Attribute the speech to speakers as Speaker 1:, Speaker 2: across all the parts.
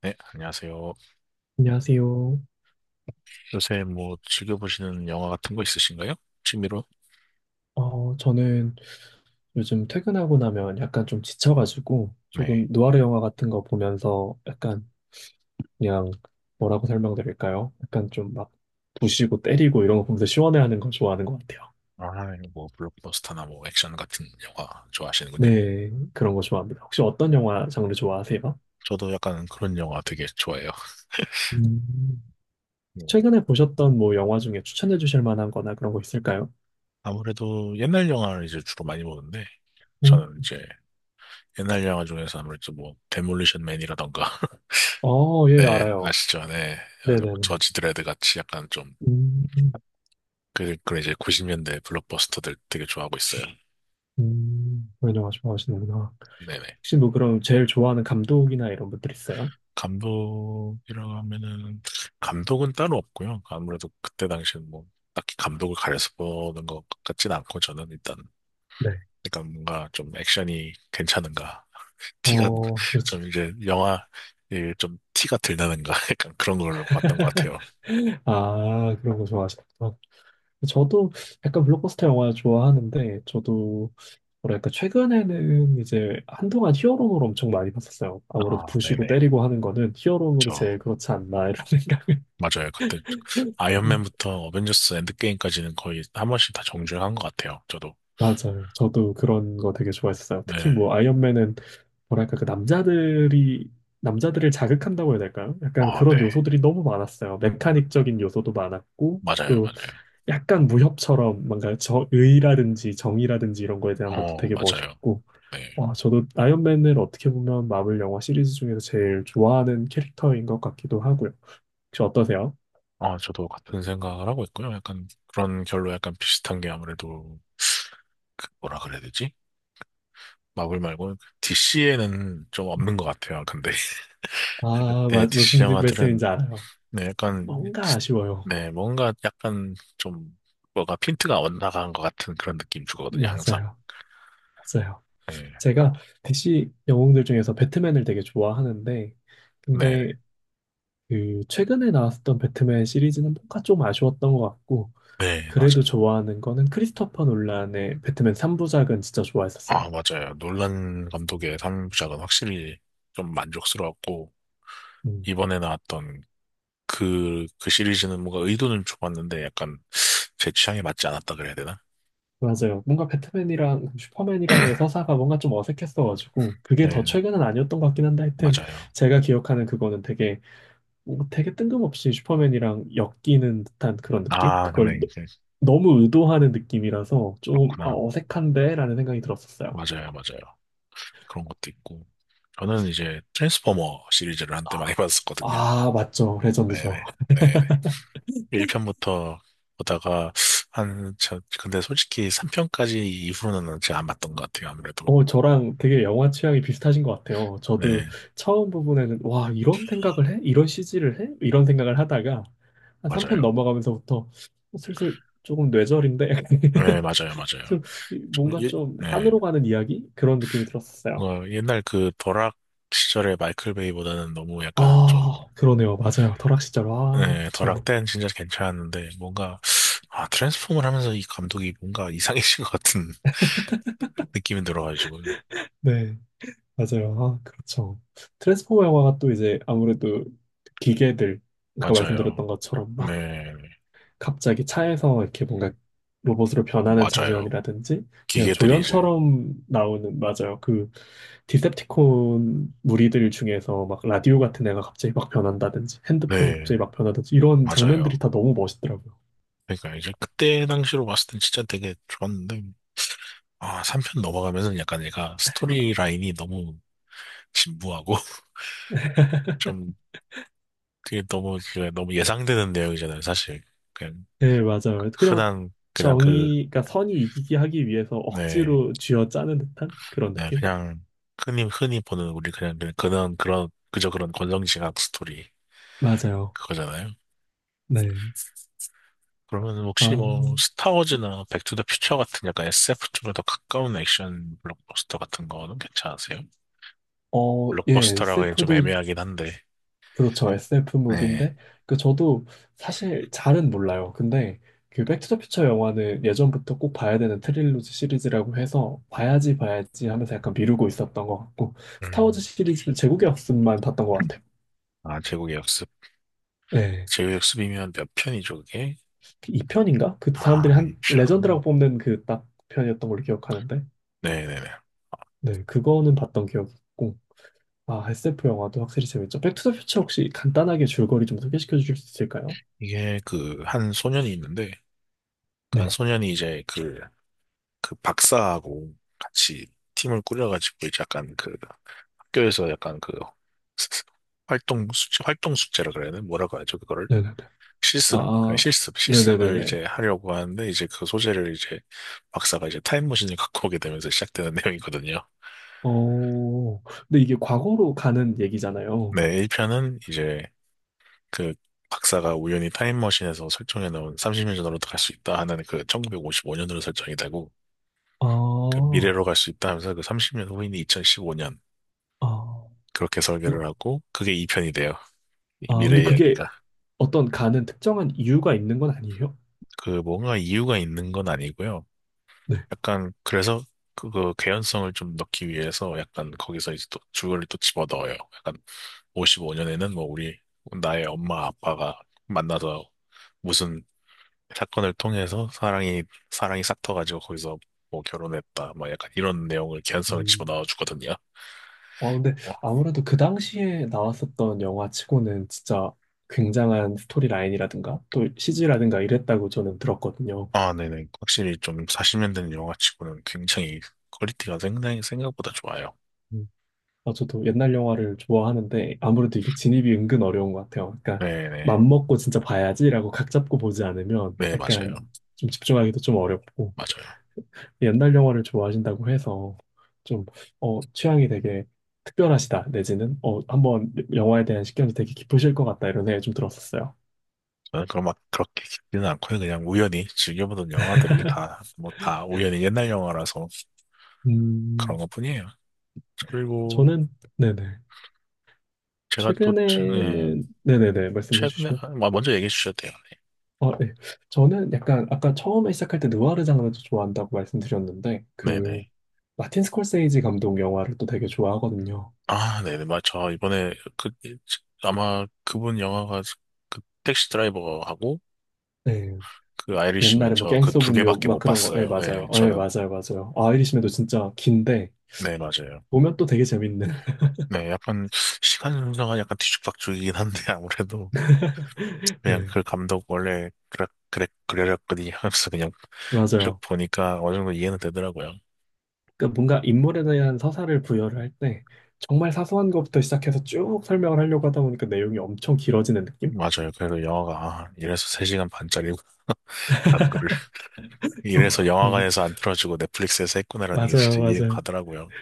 Speaker 1: 네, 안녕하세요.
Speaker 2: 안녕하세요.
Speaker 1: 요새 뭐 즐겨보시는 영화 같은 거 있으신가요? 취미로?
Speaker 2: 저는 요즘 퇴근하고 나면 약간 좀 지쳐가지고 조금
Speaker 1: 네.
Speaker 2: 누아르 영화 같은 거 보면서 약간 그냥 뭐라고 설명드릴까요? 약간 좀 막 부시고 때리고 이런 거 보면서 시원해하는 거 좋아하는 것 같아요.
Speaker 1: 아, 뭐 블록버스터나 뭐 액션 같은 영화 좋아하시는군요.
Speaker 2: 네, 그런 거 좋아합니다. 혹시 어떤 영화 장르 좋아하세요?
Speaker 1: 저도 약간 그런 영화 되게 좋아해요.
Speaker 2: 음,
Speaker 1: 뭐,
Speaker 2: 최근에 보셨던 뭐 영화 중에 추천해 주실 만한 거나 그런 거 있을까요?
Speaker 1: 아무래도 옛날 영화를 이제 주로 많이 보는데
Speaker 2: 음,
Speaker 1: 저는 이제 옛날 영화 중에서 아무래도 뭐 데몰리션 맨이라던가
Speaker 2: 어, 예,
Speaker 1: 네,
Speaker 2: 알아요.
Speaker 1: 아시죠? 네. 아니 뭐
Speaker 2: 네네네.
Speaker 1: 저지 드레드 같이 약간 좀
Speaker 2: 음,
Speaker 1: 그런 이제 90년대 블록버스터들 되게 좋아하고 있어요.
Speaker 2: 그런 영화 좋아하시는구나.
Speaker 1: 네네.
Speaker 2: 혹시 뭐 그럼 제일 좋아하는 감독이나 이런 분들 있어요?
Speaker 1: 감독이라고 하면은 감독은 따로 없고요. 아무래도 그때 당시는 뭐 딱히 감독을 가려서 보는 것 같진 않고 저는 일단
Speaker 2: 네.
Speaker 1: 그러니까 뭔가 좀 액션이 괜찮은가 티가
Speaker 2: 어, 그렇죠.
Speaker 1: 좀 이제 영화 이좀 티가 들나는가 약간 그런 걸로 봤던 것 같아요.
Speaker 2: 아, 그런 거 좋아하시구나. 저도 약간 블록버스터 영화 좋아하는데, 저도 뭐랄까, 최근에는 이제 한동안 히어로물 엄청 많이 봤었어요. 아무래도
Speaker 1: 아
Speaker 2: 부시고
Speaker 1: 네네
Speaker 2: 때리고 하는 거는 히어로물이
Speaker 1: 저
Speaker 2: 제일
Speaker 1: 맞아요.
Speaker 2: 그렇지 않나, 이런 생각을.
Speaker 1: 맞아요 그때
Speaker 2: 음,
Speaker 1: 아이언맨부터 어벤져스 엔드게임까지는 거의 한 번씩 다 정주행한 것 같아요. 저도
Speaker 2: 맞아요. 저도 그런 거 되게 좋아했어요. 특히
Speaker 1: 네.
Speaker 2: 뭐 아이언맨은 뭐랄까 그 남자들이 남자들을 자극한다고 해야 될까요? 약간
Speaker 1: 아, 네.
Speaker 2: 그런 요소들이 너무 많았어요.
Speaker 1: 맞-
Speaker 2: 메카닉적인 요소도 많았고
Speaker 1: 맞아요,
Speaker 2: 또
Speaker 1: 맞아요.
Speaker 2: 약간 무협처럼 뭔가 저 의라든지 정의라든지 이런 거에 대한 것도
Speaker 1: 어,
Speaker 2: 되게
Speaker 1: 맞아요.
Speaker 2: 멋있고
Speaker 1: 네.
Speaker 2: 와 저도 아이언맨을 어떻게 보면 마블 영화 시리즈 중에서 제일 좋아하는 캐릭터인 것 같기도 하고요. 혹시 어떠세요?
Speaker 1: 아, 저도 같은 생각을 하고 있고요. 약간 그런 결로 약간 비슷한 게 아무래도 뭐라 그래야 되지? 마블 말고 DC에는 좀 없는 것 같아요. 근데 네, DC
Speaker 2: 무슨 말씀인지
Speaker 1: 영화들은
Speaker 2: 알아요.
Speaker 1: 네, 약간
Speaker 2: 뭔가 아쉬워요.
Speaker 1: 네, 뭔가 약간 좀 뭐가 핀트가 엇나간 것 같은 그런 느낌 주거든요. 항상.
Speaker 2: 맞아요. 맞아요.
Speaker 1: 네,
Speaker 2: 제가 DC 영웅들 중에서 배트맨을 되게 좋아하는데
Speaker 1: 네,
Speaker 2: 근데 그 최근에 나왔었던 배트맨 시리즈는 뭔가 좀 아쉬웠던 것 같고
Speaker 1: 네,
Speaker 2: 그래도
Speaker 1: 맞아요.
Speaker 2: 좋아하는 거는 크리스토퍼 놀란의 배트맨 3부작은 진짜
Speaker 1: 아,
Speaker 2: 좋아했었어요.
Speaker 1: 맞아요. 놀란 감독의 3부작은 확실히 좀 만족스러웠고
Speaker 2: 음,
Speaker 1: 이번에 나왔던 그 시리즈는 뭔가 의도는 좋았는데 약간 제 취향에 맞지 않았다 그래야 되나?
Speaker 2: 맞아요. 뭔가 배트맨이랑 그 슈퍼맨이랑의 서사가 뭔가 좀 어색했어가지고 그게
Speaker 1: 네,
Speaker 2: 더 최근은 아니었던 것 같긴 한데 하여튼
Speaker 1: 맞아요.
Speaker 2: 제가 기억하는 그거는 되게 뭔가 되게 뜬금없이 슈퍼맨이랑 엮이는 듯한 그런 느낌?
Speaker 1: 아, 근데 이제
Speaker 2: 너무 의도하는 느낌이라서 좀 아,
Speaker 1: 그렇구나.
Speaker 2: 어색한데? 라는 생각이 들었었어요.
Speaker 1: 맞아요, 맞아요. 그런 것도 있고. 저는 이제 트랜스포머 시리즈를 한때 많이 봤었거든요.
Speaker 2: 아, 맞죠. 레전드죠.
Speaker 1: 네네, 네네. 1편부터 보다가 한, 저, 근데 솔직히 3편까지 이후로는 제가 안 봤던 것 같아요, 아무래도.
Speaker 2: 어, 저랑 되게 영화 취향이 비슷하신 것 같아요. 저도
Speaker 1: 네,
Speaker 2: 처음 부분에는, 와, 이런 생각을 해? 이런 CG를 해? 이런 생각을 하다가, 한 3편
Speaker 1: 맞아요.
Speaker 2: 넘어가면서부터 슬슬 조금 뇌절인데,
Speaker 1: 네, 맞아요, 맞아요.
Speaker 2: 좀
Speaker 1: 좀
Speaker 2: 뭔가
Speaker 1: 예,
Speaker 2: 좀
Speaker 1: 네.
Speaker 2: 산으로 가는 이야기? 그런 느낌이 들었었어요.
Speaker 1: 뭔가 옛날 그 버락 시절의 마이클 베이보다는 너무 약간 좀,
Speaker 2: 아, 그러네요. 맞아요. 설악시절. 아,
Speaker 1: 예,
Speaker 2: 그쵸.
Speaker 1: 버락 땐 진짜 괜찮았는데, 뭔가, 아, 트랜스폼을 하면서 이 감독이 뭔가 이상해진 것 같은 느낌이 들어가지고.
Speaker 2: 네, 맞아요. 아, 그렇죠. 트랜스포머 영화가 또 이제 아무래도 기계들, 아까
Speaker 1: 맞아요.
Speaker 2: 말씀드렸던 것처럼 막
Speaker 1: 네,
Speaker 2: 갑자기 차에서 이렇게 뭔가 로봇으로 변하는
Speaker 1: 맞아요.
Speaker 2: 장면이라든지 그냥
Speaker 1: 기계들이 이제,
Speaker 2: 조연처럼 나오는 맞아요. 그 디셉티콘 무리들 중에서 막 라디오 같은 애가 갑자기 막 변한다든지 핸드폰이
Speaker 1: 네,
Speaker 2: 갑자기 막 변하든지 이런 장면들이
Speaker 1: 맞아요.
Speaker 2: 다 너무 멋있더라고요.
Speaker 1: 그러니까 이제 그때 당시로 봤을 땐 진짜 되게 좋았는데, 아, 3편 넘어가면서 약간 얘가 스토리 라인이 너무 진부하고, 좀, 그게 너무, 그 너무 예상되는 내용이잖아요, 사실.
Speaker 2: 네, 맞아요. 그냥
Speaker 1: 흔한 그냥 그,
Speaker 2: 정의가 선이 이기기 하기 위해서
Speaker 1: 네,
Speaker 2: 억지로 쥐어짜는 듯한 그런
Speaker 1: 네,
Speaker 2: 느낌?
Speaker 1: 그냥 흔히 흔히 보는 우리 그냥 그런 그저 그런 권선징악 스토리
Speaker 2: 맞아요.
Speaker 1: 그거잖아요.
Speaker 2: 네.
Speaker 1: 그러면 혹시
Speaker 2: 아,
Speaker 1: 뭐 스타워즈나 백투더퓨처 같은 약간 SF 쪽에 더 가까운 액션 블록버스터 같은 거는 괜찮으세요?
Speaker 2: 예,
Speaker 1: 블록버스터라고
Speaker 2: 세
Speaker 1: 하기엔
Speaker 2: 프
Speaker 1: 좀
Speaker 2: 도
Speaker 1: 애매하긴 한데,
Speaker 2: 그렇죠. SF
Speaker 1: 네.
Speaker 2: 무비인데 그 저도 사실 잘은 몰라요. 근데 그 백투더퓨처 영화는 예전부터 꼭 봐야 되는 트릴로지 시리즈라고 해서 봐야지 봐야지 하면서 약간 미루고 있었던 것 같고
Speaker 1: 음.
Speaker 2: 스타워즈 시리즈는 제국의 없음만 봤던 것 같아요.
Speaker 1: 아, 제국의 역습.
Speaker 2: 네.
Speaker 1: 제국의 역습이면 몇 편이죠, 그게?
Speaker 2: 이편인가그 사람들이
Speaker 1: 아,
Speaker 2: 한
Speaker 1: 이 편.
Speaker 2: 레전드라고 뽑는 그 딱 편이었던 걸로 기억하는데
Speaker 1: 네네네.
Speaker 2: 네 그거는 봤던 기억이 있고 아 SF 영화도 확실히 재밌죠. 백투더퓨처 혹시 간단하게 줄거리 좀 소개시켜 주실 수 있을까요?
Speaker 1: 이게 그, 한 소년이 있는데, 그 한
Speaker 2: 네.
Speaker 1: 소년이 이제 그, 그 박사하고 같이 팀을 꾸려가지고 이제 약간 그 학교에서 약간 그 활동 숙제, 활동 숙제라 그래야 되나? 뭐라고 하죠? 그거를
Speaker 2: 네네네.
Speaker 1: 실습, 그냥
Speaker 2: 아,
Speaker 1: 실습,
Speaker 2: 네네네네.
Speaker 1: 실습을 이제 하려고 하는데 이제 그 소재를 이제 박사가 이제 타임머신을 갖고 오게 되면서 시작되는 내용이거든요.
Speaker 2: 어, 근데 이게 과거로 가는 얘기잖아요.
Speaker 1: 네, 1편은 이제 그 박사가 우연히 타임머신에서 설정해 놓은 30년 전으로 갈 수 있다 하는 그 1955년으로 설정이 되고
Speaker 2: 아,
Speaker 1: 그 미래로 갈 수 있다 하면서 그 30년 후인 2015년
Speaker 2: 아,
Speaker 1: 그렇게
Speaker 2: 근데-
Speaker 1: 설계를 하고 그게 이편이 돼요. 이
Speaker 2: 근데
Speaker 1: 미래
Speaker 2: 그게
Speaker 1: 이야기가.
Speaker 2: 어떤 가는 특정한 이유가 있는 건 아니에요?
Speaker 1: 그 뭔가 이유가 있는 건 아니고요.
Speaker 2: 네.
Speaker 1: 약간 그래서 그거 개연성을 좀 넣기 위해서 약간 거기서 이제 또 줄거리를 또 집어넣어요. 약간 55년에는 뭐 우리 나의 엄마 아빠가 만나서 무슨 사건을 통해서 사랑이 싹터가지고 거기서 뭐 결혼했다. 막 약간 이런 내용을 개연성을
Speaker 2: 음.
Speaker 1: 집어넣어 주거든요.
Speaker 2: 아, 근데
Speaker 1: 어,
Speaker 2: 아무래도 그 당시에 나왔었던 영화 치고는 진짜 굉장한 스토리 라인이라든가 또 CG라든가 이랬다고 저는 들었거든요.
Speaker 1: 아, 네네. 확실히 좀 40년 된 영화치고는 굉장히 퀄리티가 상당히 생각보다 좋아요.
Speaker 2: 음. 아, 저도 옛날 영화를 좋아하는데 아무래도 이게 진입이 은근 어려운 것 같아요. 그러니까
Speaker 1: 네네.
Speaker 2: 맘 먹고 진짜 봐야지라고 각 잡고 보지 않으면
Speaker 1: 네, 맞아요.
Speaker 2: 약간 좀 집중하기도 좀 어렵고.
Speaker 1: 맞아요.
Speaker 2: 옛날 영화를 좋아하신다고 해서 좀, 어, 취향이 되게 특별하시다, 내지는, 어, 한번 영화에 대한 식견이 되게 깊으실 것 같다, 이런 생각이 좀 들었었어요.
Speaker 1: 저는 그럼 막 그렇게 깊지는 않고요. 그냥 우연히 즐겨보던 영화들이 다, 뭐 다 우연히 옛날 영화라서 그런
Speaker 2: 음,
Speaker 1: 것뿐이에요. 그리고
Speaker 2: 저는, 네네.
Speaker 1: 제가 또, 네,
Speaker 2: 최근에는, 네네네, 말씀해
Speaker 1: 최근에,
Speaker 2: 주시면.
Speaker 1: 아, 뭐 먼저 얘기해 주셔도 돼요.
Speaker 2: 아, 네. 저는 약간, 아까 처음에 시작할 때 느와르 장르도 좋아한다고 말씀드렸는데, 그,
Speaker 1: 네네.
Speaker 2: 마틴 스콜세이지 감독 영화를 또 되게 좋아하거든요.
Speaker 1: 아, 네네. 맞죠. 이번에 그, 아마 그분 영화가 그 택시 드라이버하고
Speaker 2: 네.
Speaker 1: 그 아이리시맨
Speaker 2: 옛날에 뭐,
Speaker 1: 저 그
Speaker 2: 갱스
Speaker 1: 두
Speaker 2: 오브 뉴욕,
Speaker 1: 개밖에
Speaker 2: 막
Speaker 1: 못
Speaker 2: 그런 거, 예,
Speaker 1: 봤어요. 예,
Speaker 2: 맞아요. 예,
Speaker 1: 저는
Speaker 2: 맞아요, 맞아요. 아이리시맨도 진짜 긴데,
Speaker 1: 네, 맞아요.
Speaker 2: 보면 또 되게 재밌는.
Speaker 1: 네, 약간 시간 순서가 약간 뒤죽박죽이긴 한데 아무래도 그냥
Speaker 2: 네,
Speaker 1: 그 감독 원래 그래랬거든요 하면서 그냥 쭉
Speaker 2: 맞아요.
Speaker 1: 보니까 어느 정도 이해는 되더라고요.
Speaker 2: 그러니까 뭔가 인물에 대한 서사를 부여를 할 때 정말 사소한 것부터 시작해서 쭉 설명을 하려고 하다 보니까 내용이 엄청 길어지는 느낌?
Speaker 1: 맞아요. 그래도 영화가 아, 이래서 3시간 반짜리라는 거를
Speaker 2: 그래서
Speaker 1: 이래서
Speaker 2: 어, 이-
Speaker 1: 영화관에서 안 틀어주고 넷플릭스에서 했구나라는 게
Speaker 2: 맞아요,
Speaker 1: 진짜 이해가
Speaker 2: 맞아요.
Speaker 1: 가더라고요.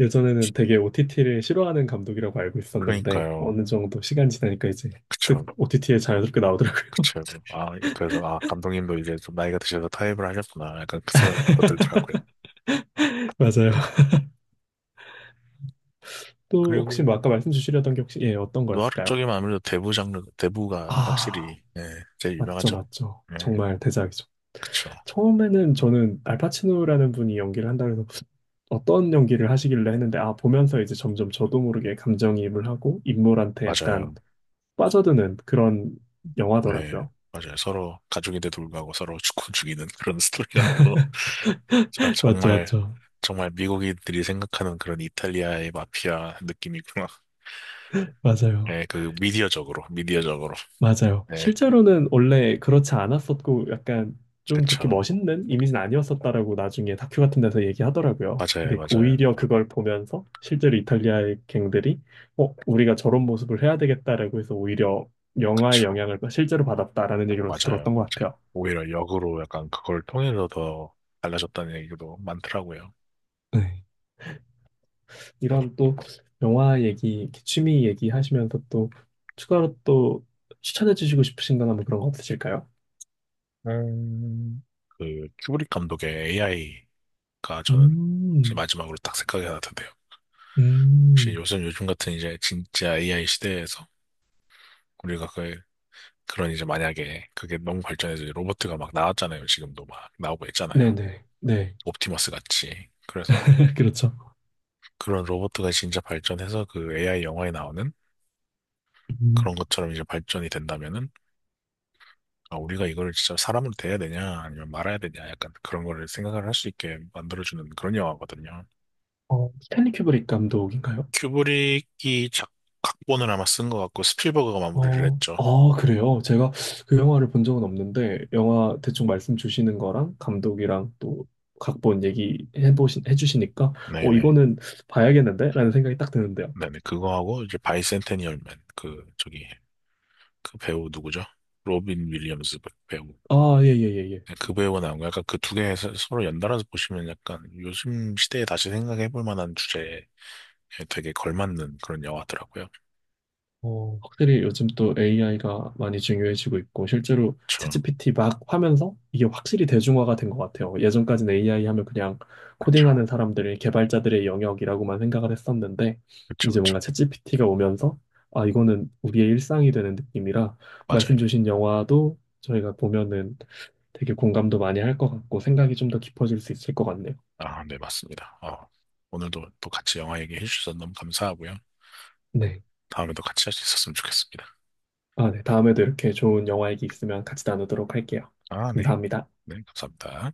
Speaker 2: 예전에는 되게 OTT를 싫어하는 감독이라고 알고 있었는데
Speaker 1: 그러니까요.
Speaker 2: 어느 정도 시간 지나니까 이제
Speaker 1: 그쵸.
Speaker 2: 쓱 OTT에 자연스럽게 나오더라고요.
Speaker 1: 그쵸. 아, 그래서 아 감독님도 이제 좀 나이가 드셔서 타협을 하셨구나. 약간 그 생각도 들더라고요.
Speaker 2: 맞아요. 또 혹시 뭐
Speaker 1: 그리고
Speaker 2: 아까 말씀 주시려던 게 혹시 예, 어떤
Speaker 1: 노하루
Speaker 2: 거였을까요?
Speaker 1: 쪽이면 아무래도 대부 장르, 대부가
Speaker 2: 아.
Speaker 1: 확실히, 예, 제일
Speaker 2: 맞죠,
Speaker 1: 유명하죠.
Speaker 2: 맞죠.
Speaker 1: 예,
Speaker 2: 정말 대작이죠.
Speaker 1: 그쵸.
Speaker 2: 처음에는 저는 알파치노라는 분이 연기를 한다고 해서 어떤 연기를 하시길래 했는데, 아, 보면서 이제 점점 저도 모르게 감정이입을 하고 인물한테 약간
Speaker 1: 맞아요.
Speaker 2: 빠져드는 그런
Speaker 1: 네,
Speaker 2: 영화더라고요.
Speaker 1: 맞아요. 서로 가족인데 돌구하고 서로 죽고 죽이는 그런 스토리라고. 아,
Speaker 2: 맞죠,
Speaker 1: 정말,
Speaker 2: 맞죠.
Speaker 1: 정말 미국인들이 생각하는 그런 이탈리아의 마피아 느낌이구나.
Speaker 2: 맞아요.
Speaker 1: 예, 그 미디어적으로.
Speaker 2: 맞아요.
Speaker 1: 예,
Speaker 2: 실제로는 원래 그렇지 않았었고 약간 좀 그렇게
Speaker 1: 그쵸.
Speaker 2: 멋있는 이미지는 아니었었다라고 나중에 다큐 같은 데서 얘기하더라고요.
Speaker 1: 맞아요,
Speaker 2: 근데
Speaker 1: 맞아요.
Speaker 2: 오히려 그걸 보면서 실제로 이탈리아의 갱들이 어, 우리가 저런 모습을 해야 되겠다라고 해서 오히려 영화의
Speaker 1: 그쵸.
Speaker 2: 영향을 실제로 받았다라는 얘기를 어디서
Speaker 1: 맞아요,
Speaker 2: 들었던 것
Speaker 1: 맞아요.
Speaker 2: 같아요.
Speaker 1: 오히려 역으로 약간 그걸 통해서 더 달라졌다는 얘기도 많더라고요.
Speaker 2: 네. 이런 또 영화 얘기, 이렇게 취미 얘기 하시면서 또 추가로 또 추천해 주시고 싶으신 거나 뭐 그런 거 없으실까요?
Speaker 1: 음, 그 큐브릭 감독의 AI가 저는 제
Speaker 2: 음,
Speaker 1: 마지막으로 딱 생각이 하나 드네요. 혹시
Speaker 2: 음.
Speaker 1: 요즘 같은 이제 진짜 AI 시대에서 우리가 그 그런 이제 만약에 그게 너무 발전해서 이제 로봇가 막 나왔잖아요. 지금도 막 나오고 있잖아요.
Speaker 2: 네네. 네.
Speaker 1: 옵티머스 같이. 그래서
Speaker 2: 그렇죠.
Speaker 1: 그런 로봇가 진짜 발전해서 그 AI 영화에 나오는
Speaker 2: 음,
Speaker 1: 그런 것처럼 이제 발전이 된다면은 아, 우리가 이걸 진짜 사람으로 대해야 되냐 아니면 말아야 되냐 약간 그런 거를 생각을 할 수 있게 만들어주는 그런 영화거든요.
Speaker 2: 어, 스탠리 큐브릭 감독인가요?
Speaker 1: 큐브릭이 작, 각본을 아마 쓴 것 같고 스필버그가 마무리를 했죠.
Speaker 2: 아, 그래요? 제가 그 영화를 본 적은 없는데, 영화 대충 말씀 주시는 거랑 감독이랑 또 각본 얘기해보신, 해주시니까, 어,
Speaker 1: 네네.
Speaker 2: 이거는 봐야겠는데? 라는 생각이 딱 드는데요.
Speaker 1: 네네. 그거하고 이제 바이센테니얼맨 그 저기 그 배우 누구죠? 로빈 윌리엄스 배우.
Speaker 2: 아, 예, 예, 예, 예.
Speaker 1: 네, 그 배우가 나온 거 약간 그 두 개 서로 연달아서 보시면 약간 요즘 시대에 다시 생각해 볼 만한 주제에 되게 걸맞는 그런 영화더라고요.
Speaker 2: 어, 확실히 요즘 또 AI가 많이 중요해지고 있고 실제로
Speaker 1: 그쵸.
Speaker 2: 챗GPT 막 하면서 이게 확실히 대중화가 된 것 같아요. 예전까지는 AI 하면 그냥
Speaker 1: 그쵸.
Speaker 2: 코딩하는 사람들의 개발자들의 영역이라고만 생각을 했었는데
Speaker 1: 그쵸.
Speaker 2: 이제
Speaker 1: 그쵸.
Speaker 2: 뭔가 챗GPT가 오면서 아 이거는 우리의 일상이 되는 느낌이라
Speaker 1: 맞아요.
Speaker 2: 말씀 주신 영화도 저희가 보면은 되게 공감도 많이 할 것 같고 생각이 좀 더 깊어질 수 있을 것 같네요.
Speaker 1: 아, 네, 맞습니다. 어, 오늘도 또 같이 영화 얘기해 주셔서 너무 감사하고요.
Speaker 2: 네.
Speaker 1: 다음에도 같이 할 수 있었으면 좋겠습니다.
Speaker 2: 아, 네. 다음에도 이렇게 좋은 영화 얘기 있으면 같이 나누도록 할게요.
Speaker 1: 아, 네.
Speaker 2: 감사합니다.
Speaker 1: 네, 감사합니다.